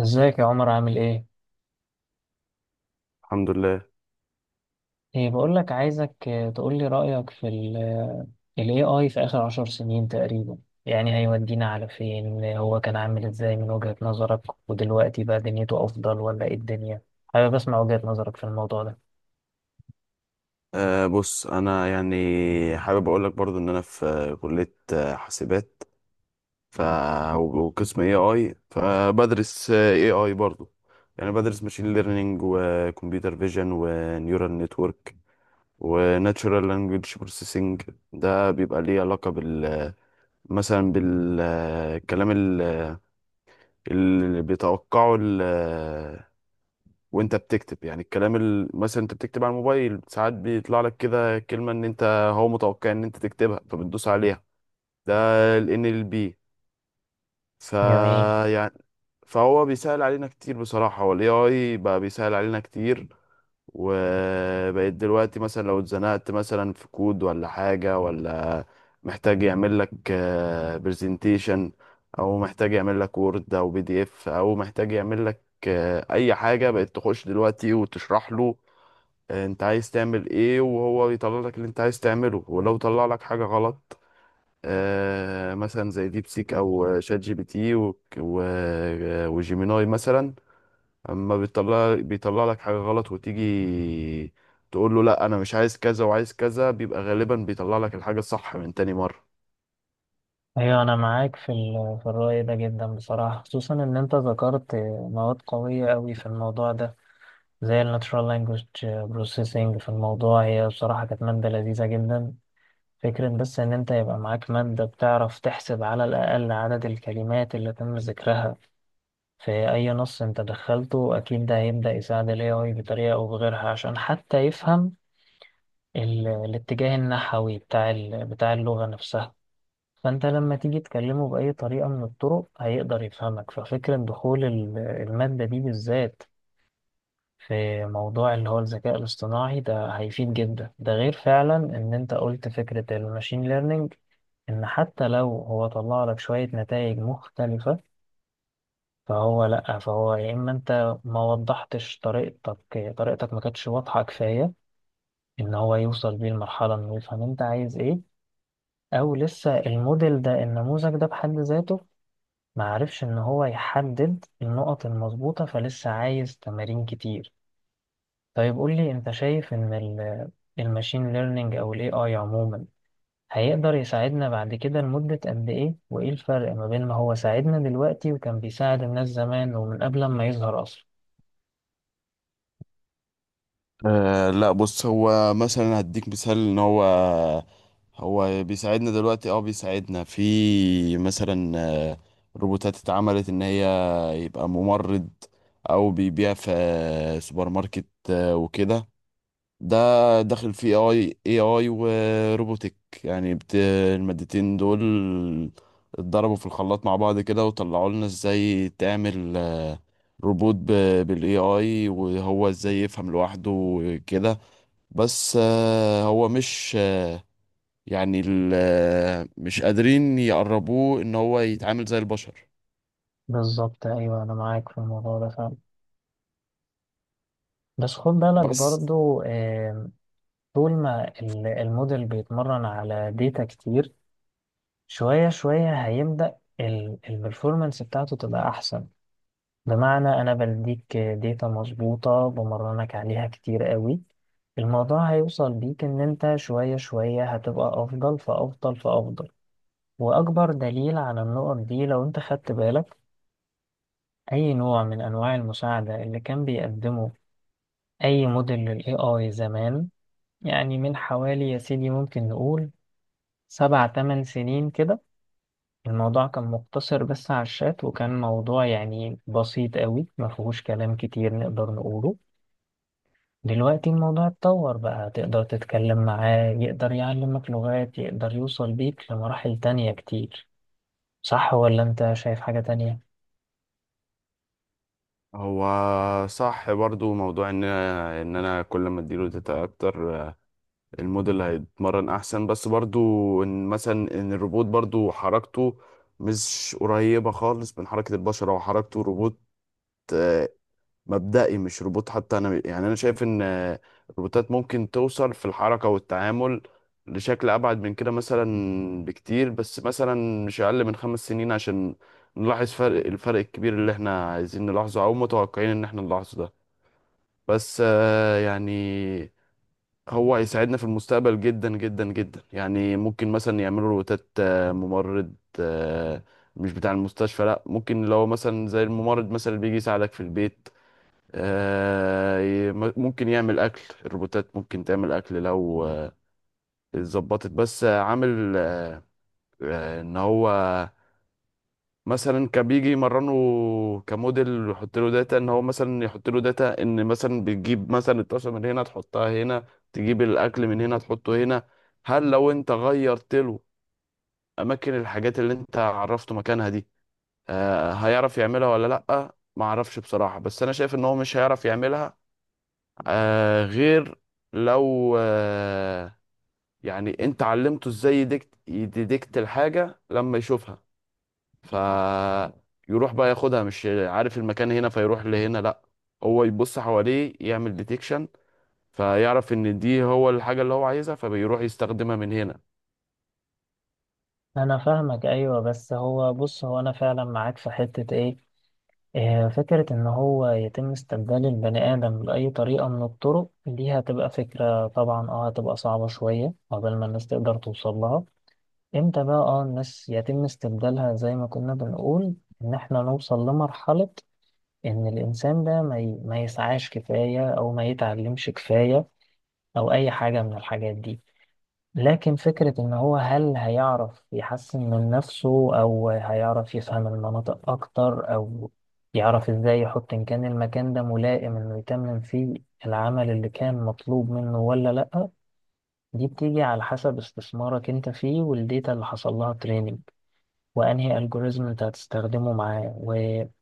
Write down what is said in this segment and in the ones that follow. ازيك يا عمر؟ عامل ايه؟ الحمد لله. ايه، بقول لك عايزك، تقول لي رأيك في ال AI في آخر 10 سنين تقريبا. يعني هيودينا على فين؟ هو كان عامل ازاي من وجهة نظرك، ودلوقتي بقى دنيته أفضل ولا ايه الدنيا؟ حابب أسمع وجهة نظرك في الموضوع ده. بص، انا يعني حابب اقول لك برضو ان انا في كلية حاسبات، ف وقسم اي اي، فبدرس اي اي برضو. يعني بدرس ماشين ليرنينج وكمبيوتر فيجن ونيورال نتورك وناتشورال لانجويج بروسيسنج. ده بيبقى ليه علاقة مثلا بالكلام اللي بيتوقعه وانت بتكتب، يعني الكلام مثلا انت بتكتب على الموبايل ساعات بيطلع لك كده كلمة ان انت هو متوقع ان انت تكتبها فبتدوس عليها. ده ال NLP. ف جميل. يعني فهو بيسهل علينا كتير بصراحة، هو ال AI بقى بيسهل علينا كتير. وبقيت دلوقتي مثلا لو اتزنقت مثلا في كود ولا حاجة، ولا محتاج يعمل لك برزنتيشن، او محتاج يعمل لك وورد او بي دي اف، او محتاج يعمل لك اي حاجه، بقت تخش دلوقتي وتشرح له انت عايز تعمل ايه وهو يطلع لك اللي انت عايز تعمله. ولو طلع لك حاجة غلط، مثلا زي ديب سيك او شات جي بي تي وجيميناي مثلا، اما بيطلع لك حاجة غلط وتيجي تقول له لا انا مش عايز كذا وعايز كذا، بيبقى غالبا بيطلع لك الحاجة الصح من تاني مرة. أيوة، أنا معاك في في الرأي ده جدا بصراحة، خصوصا إن أنت ذكرت مواد قوية أوي في الموضع ده، زي ال Natural Language Processing. في الموضوع، هي بصراحة كانت مادة لذيذة جدا. فكرة بس إن أنت يبقى معاك مادة بتعرف تحسب على الأقل عدد الكلمات اللي تم ذكرها في أي نص أنت دخلته، أكيد ده هيبدأ يساعد ال AI بطريقة أو بغيرها، عشان حتى يفهم الاتجاه النحوي بتاع اللغة نفسها. فأنت لما تيجي تكلمه بأي طريقة من الطرق هيقدر يفهمك. ففكرة دخول المادة دي بالذات في موضوع اللي هو الذكاء الاصطناعي ده هيفيد جدا. ده غير فعلا ان انت قلت فكرة الماشين ليرنينج، ان حتى لو هو طلع لك شوية نتائج مختلفة، فهو لأ، فهو يا إما أنت ما وضحتش طريقتك، طريقتك ما كانتش واضحة كفاية إن هو يوصل بيه المرحلة إنه يفهم أنت عايز إيه، أو لسه الموديل ده، النموذج ده بحد ذاته ما عرفش إن هو يحدد النقط المظبوطة، فلسه عايز تمارين كتير. طيب قول لي، انت شايف ان الماشين ليرنينج او الاي اي عموما هيقدر يساعدنا بعد كده لمدة قد ايه؟ وايه الفرق ما بين ما هو ساعدنا دلوقتي وكان بيساعد الناس زمان ومن قبل ما يظهر اصلا؟ لا بص، هو مثلا هديك مثال ان هو بيساعدنا دلوقتي، بيساعدنا في مثلا روبوتات اتعملت ان هي يبقى ممرض او بيبيع في سوبر ماركت وكده. ده داخل فيه اي اي وروبوتك، يعني المادتين دول اتضربوا في الخلاط مع بعض كده، وطلعوا لنا ازاي تعمل روبوت بالاي اي، وهو ازاي يفهم لوحده كده. بس هو مش يعني ال... آه، مش قادرين يقربوه ان هو يتعامل زي البشر. بالظبط، ايوه، انا معاك في الموضوع ده فعلا. بس خد بالك بس برضو، طول ما الموديل بيتمرن على ديتا كتير، شوية شوية هيبدأ البرفورمانس بتاعته تبقى احسن. بمعنى أنا بديك داتا مظبوطة بمرنك عليها كتير قوي، الموضوع هيوصل بيك إن أنت شوية شوية هتبقى أفضل فأفضل فأفضل. وأكبر دليل على النقط دي، لو أنت خدت بالك أي نوع من أنواع المساعدة اللي كان بيقدمه أي موديل لل AI زمان، يعني من حوالي يا سيدي ممكن نقول 7 8 سنين كده، الموضوع كان مقتصر بس على الشات، وكان موضوع يعني بسيط قوي، مفهوش كلام كتير نقدر نقوله. دلوقتي الموضوع اتطور بقى، تقدر تتكلم معاه، يقدر يعلمك لغات، يقدر يوصل بيك لمراحل تانية كتير. صح ولا انت شايف حاجة تانية؟ هو صح برضو، موضوع ان انا كل ما اديله داتا اكتر الموديل هيتمرن احسن، بس برضو ان مثلا ان الروبوت برضو حركته مش قريبة خالص من حركة البشر، او حركته روبوت آه، مبدئي، مش روبوت حتى. انا يعني انا شايف ان الروبوتات ممكن توصل في الحركة والتعامل لشكل ابعد من كده مثلا بكتير، بس مثلا مش اقل من خمس سنين عشان نلاحظ الفرق الكبير اللي احنا عايزين نلاحظه او متوقعين ان احنا نلاحظه ده. بس يعني هو هيساعدنا في المستقبل جدا جدا جدا. يعني ممكن مثلا يعملوا روتات ممرض، آه، مش بتاع المستشفى، لا، ممكن لو مثلا زي الممرض مثلا اللي بيجي يساعدك في البيت. ممكن يعمل اكل، الروبوتات ممكن تعمل اكل لو اتظبطت، بس عامل ان هو مثلا كان بيجي يمرنه كموديل ويحط له داتا ان هو مثلا يحط له داتا ان مثلا بتجيب مثلا الطاسه من هنا تحطها هنا، تجيب الاكل من هنا تحطه هنا. هل لو انت غيرت له اماكن الحاجات اللي انت عرفته مكانها دي هيعرف يعملها ولا لا؟ ما اعرفش بصراحه، بس انا شايف ان هو مش هيعرف يعملها غير لو يعني انت علمته ازاي يديكت الحاجه لما يشوفها، فيروح بقى ياخدها مش عارف المكان هنا فيروح لهنا، لا هو يبص حواليه يعمل ديتكشن فيعرف ان دي هو الحاجة اللي هو عايزها فبيروح يستخدمها من هنا. انا فاهمك، ايوه. بس هو، بص، هو انا فعلا معاك في حتة ايه، فكرة ان هو يتم استبدال البني ادم بأي طريقة من الطرق دي، هتبقى فكرة طبعا، هتبقى صعبة شوية قبل ما الناس تقدر توصل لها. امتى بقى الناس يتم استبدالها، زي ما كنا بنقول ان احنا نوصل لمرحلة إن الإنسان ده ما يسعاش كفاية، أو ما يتعلمش كفاية، أو أي حاجة من الحاجات دي. لكن فكرة إن هو، هل هيعرف يحسن من نفسه، أو هيعرف يفهم المناطق أكتر، أو يعرف إزاي يحط إن كان المكان ده ملائم إنه يتمم فيه العمل اللي كان مطلوب منه ولا لأ، دي بتيجي على حسب استثمارك أنت فيه، والديتا اللي حصل لها تريننج، وانهي الجوريزم انت هتستخدمه معاه،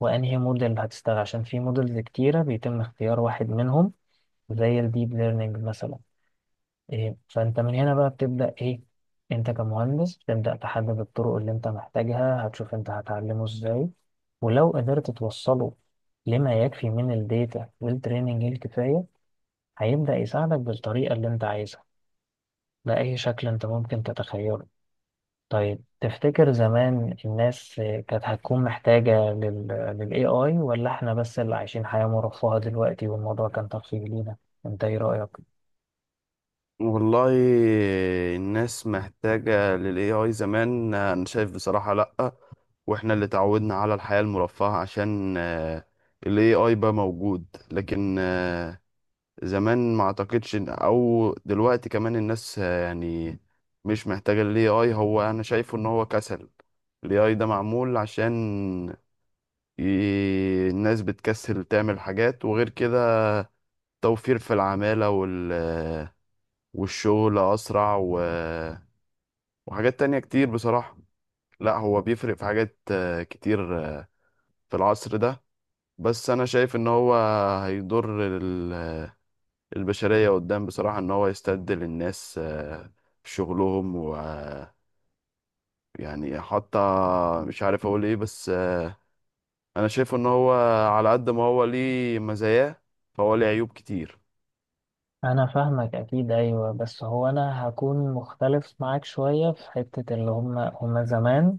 وانهي موديل هتستخدم، عشان في موديلز كتيرة بيتم اختيار واحد منهم، زي الديب ليرنينج مثلا. فانت من هنا بقى بتبدأ ايه؟ انت كمهندس بتبدأ تحدد الطرق اللي انت محتاجها، هتشوف انت هتعلمه ازاي، ولو قدرت توصله لما يكفي من الداتا والتريننج الكفاية، هيبدأ يساعدك بالطريقة اللي انت عايزها، بأي شكل انت ممكن تتخيله. طيب تفتكر زمان الناس كانت هتكون محتاجة لل AI، ولا احنا بس اللي عايشين حياة مرفهة دلوقتي والموضوع كان ترفيه لينا؟ انت ايه رأيك؟ والله، الناس محتاجة لل AI زمان، أنا شايف بصراحة لأ، وإحنا اللي تعودنا على الحياة المرفهة عشان ال AI بقى موجود. لكن زمان ما اعتقدش او دلوقتي كمان الناس يعني مش محتاجة ال AI. هو انا شايفه ان هو كسل، ال AI ده معمول عشان الناس بتكسل تعمل حاجات، وغير كده توفير في العمالة والشغل اسرع وحاجات تانية كتير بصراحة. لا هو بيفرق في حاجات كتير في العصر ده، بس انا شايف ان هو هيضر البشرية قدام بصراحة، إن هو يستبدل الناس في شغلهم. ويعني حتى مش عارف أقول إيه، بس أنا شايفه إن هو على قد ما هو ليه مزاياه فهو ليه عيوب كتير. انا فاهمك، اكيد، ايوه. بس هو انا هكون مختلف معاك شوية في حتة اللي هم زمان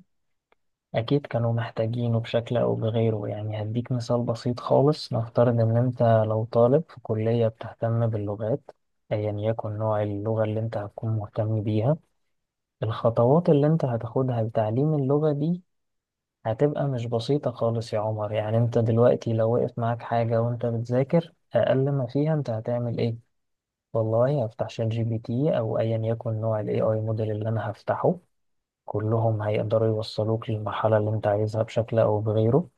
اكيد كانوا محتاجينه بشكل او بغيره. يعني هديك مثال بسيط خالص، نفترض ان انت لو طالب في كلية بتهتم باللغات، ايا يكن نوع اللغة اللي انت هتكون مهتم بيها، الخطوات اللي انت هتاخدها لتعليم اللغة دي هتبقى مش بسيطة خالص يا عمر. يعني انت دلوقتي لو وقف معاك حاجة وانت بتذاكر، اقل ما فيها انت هتعمل ايه؟ والله هفتح شات جي بي تي، او ايا يكن نوع الاي اي موديل اللي انا هفتحه، كلهم هيقدروا يوصلوك للمرحلة اللي انت عايزها بشكل او بغيره.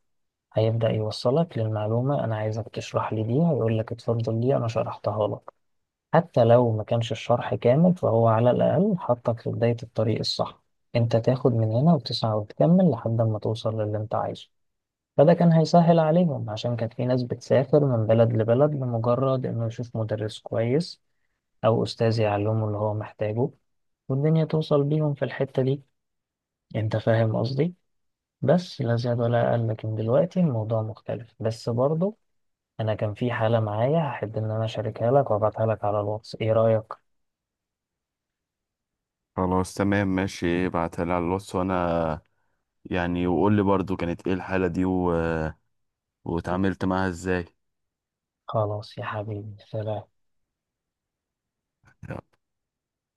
هيبدأ يوصلك للمعلومة، انا عايزك تشرح لي دي، هيقول لك اتفضل دي انا شرحتها لك. حتى لو ما كانش الشرح كامل، فهو على الأقل حطك في بداية الطريق الصح، انت تاخد من هنا وتسعى وتكمل لحد ما توصل للي انت عايزه. فده كان هيسهل عليهم، عشان كانت في ناس بتسافر من بلد لبلد لمجرد انه يشوف مدرس كويس او استاذ يعلمه اللي هو محتاجه، والدنيا توصل بيهم في الحتة دي. انت فاهم قصدي؟ بس لا زياد ولا أقل. لكن دلوقتي الموضوع مختلف بس برضه. انا كان في حالة معايا، هحب ان انا اشاركها لك وابعتها لك على الواتس. ايه رأيك؟ خلاص تمام ماشي، ابعتها لي على الواتس وأنا يعني، وقول لي برضو كانت إيه الحالة دي واتعاملت معاها إزاي. خلاص يا حبيبي، سلام.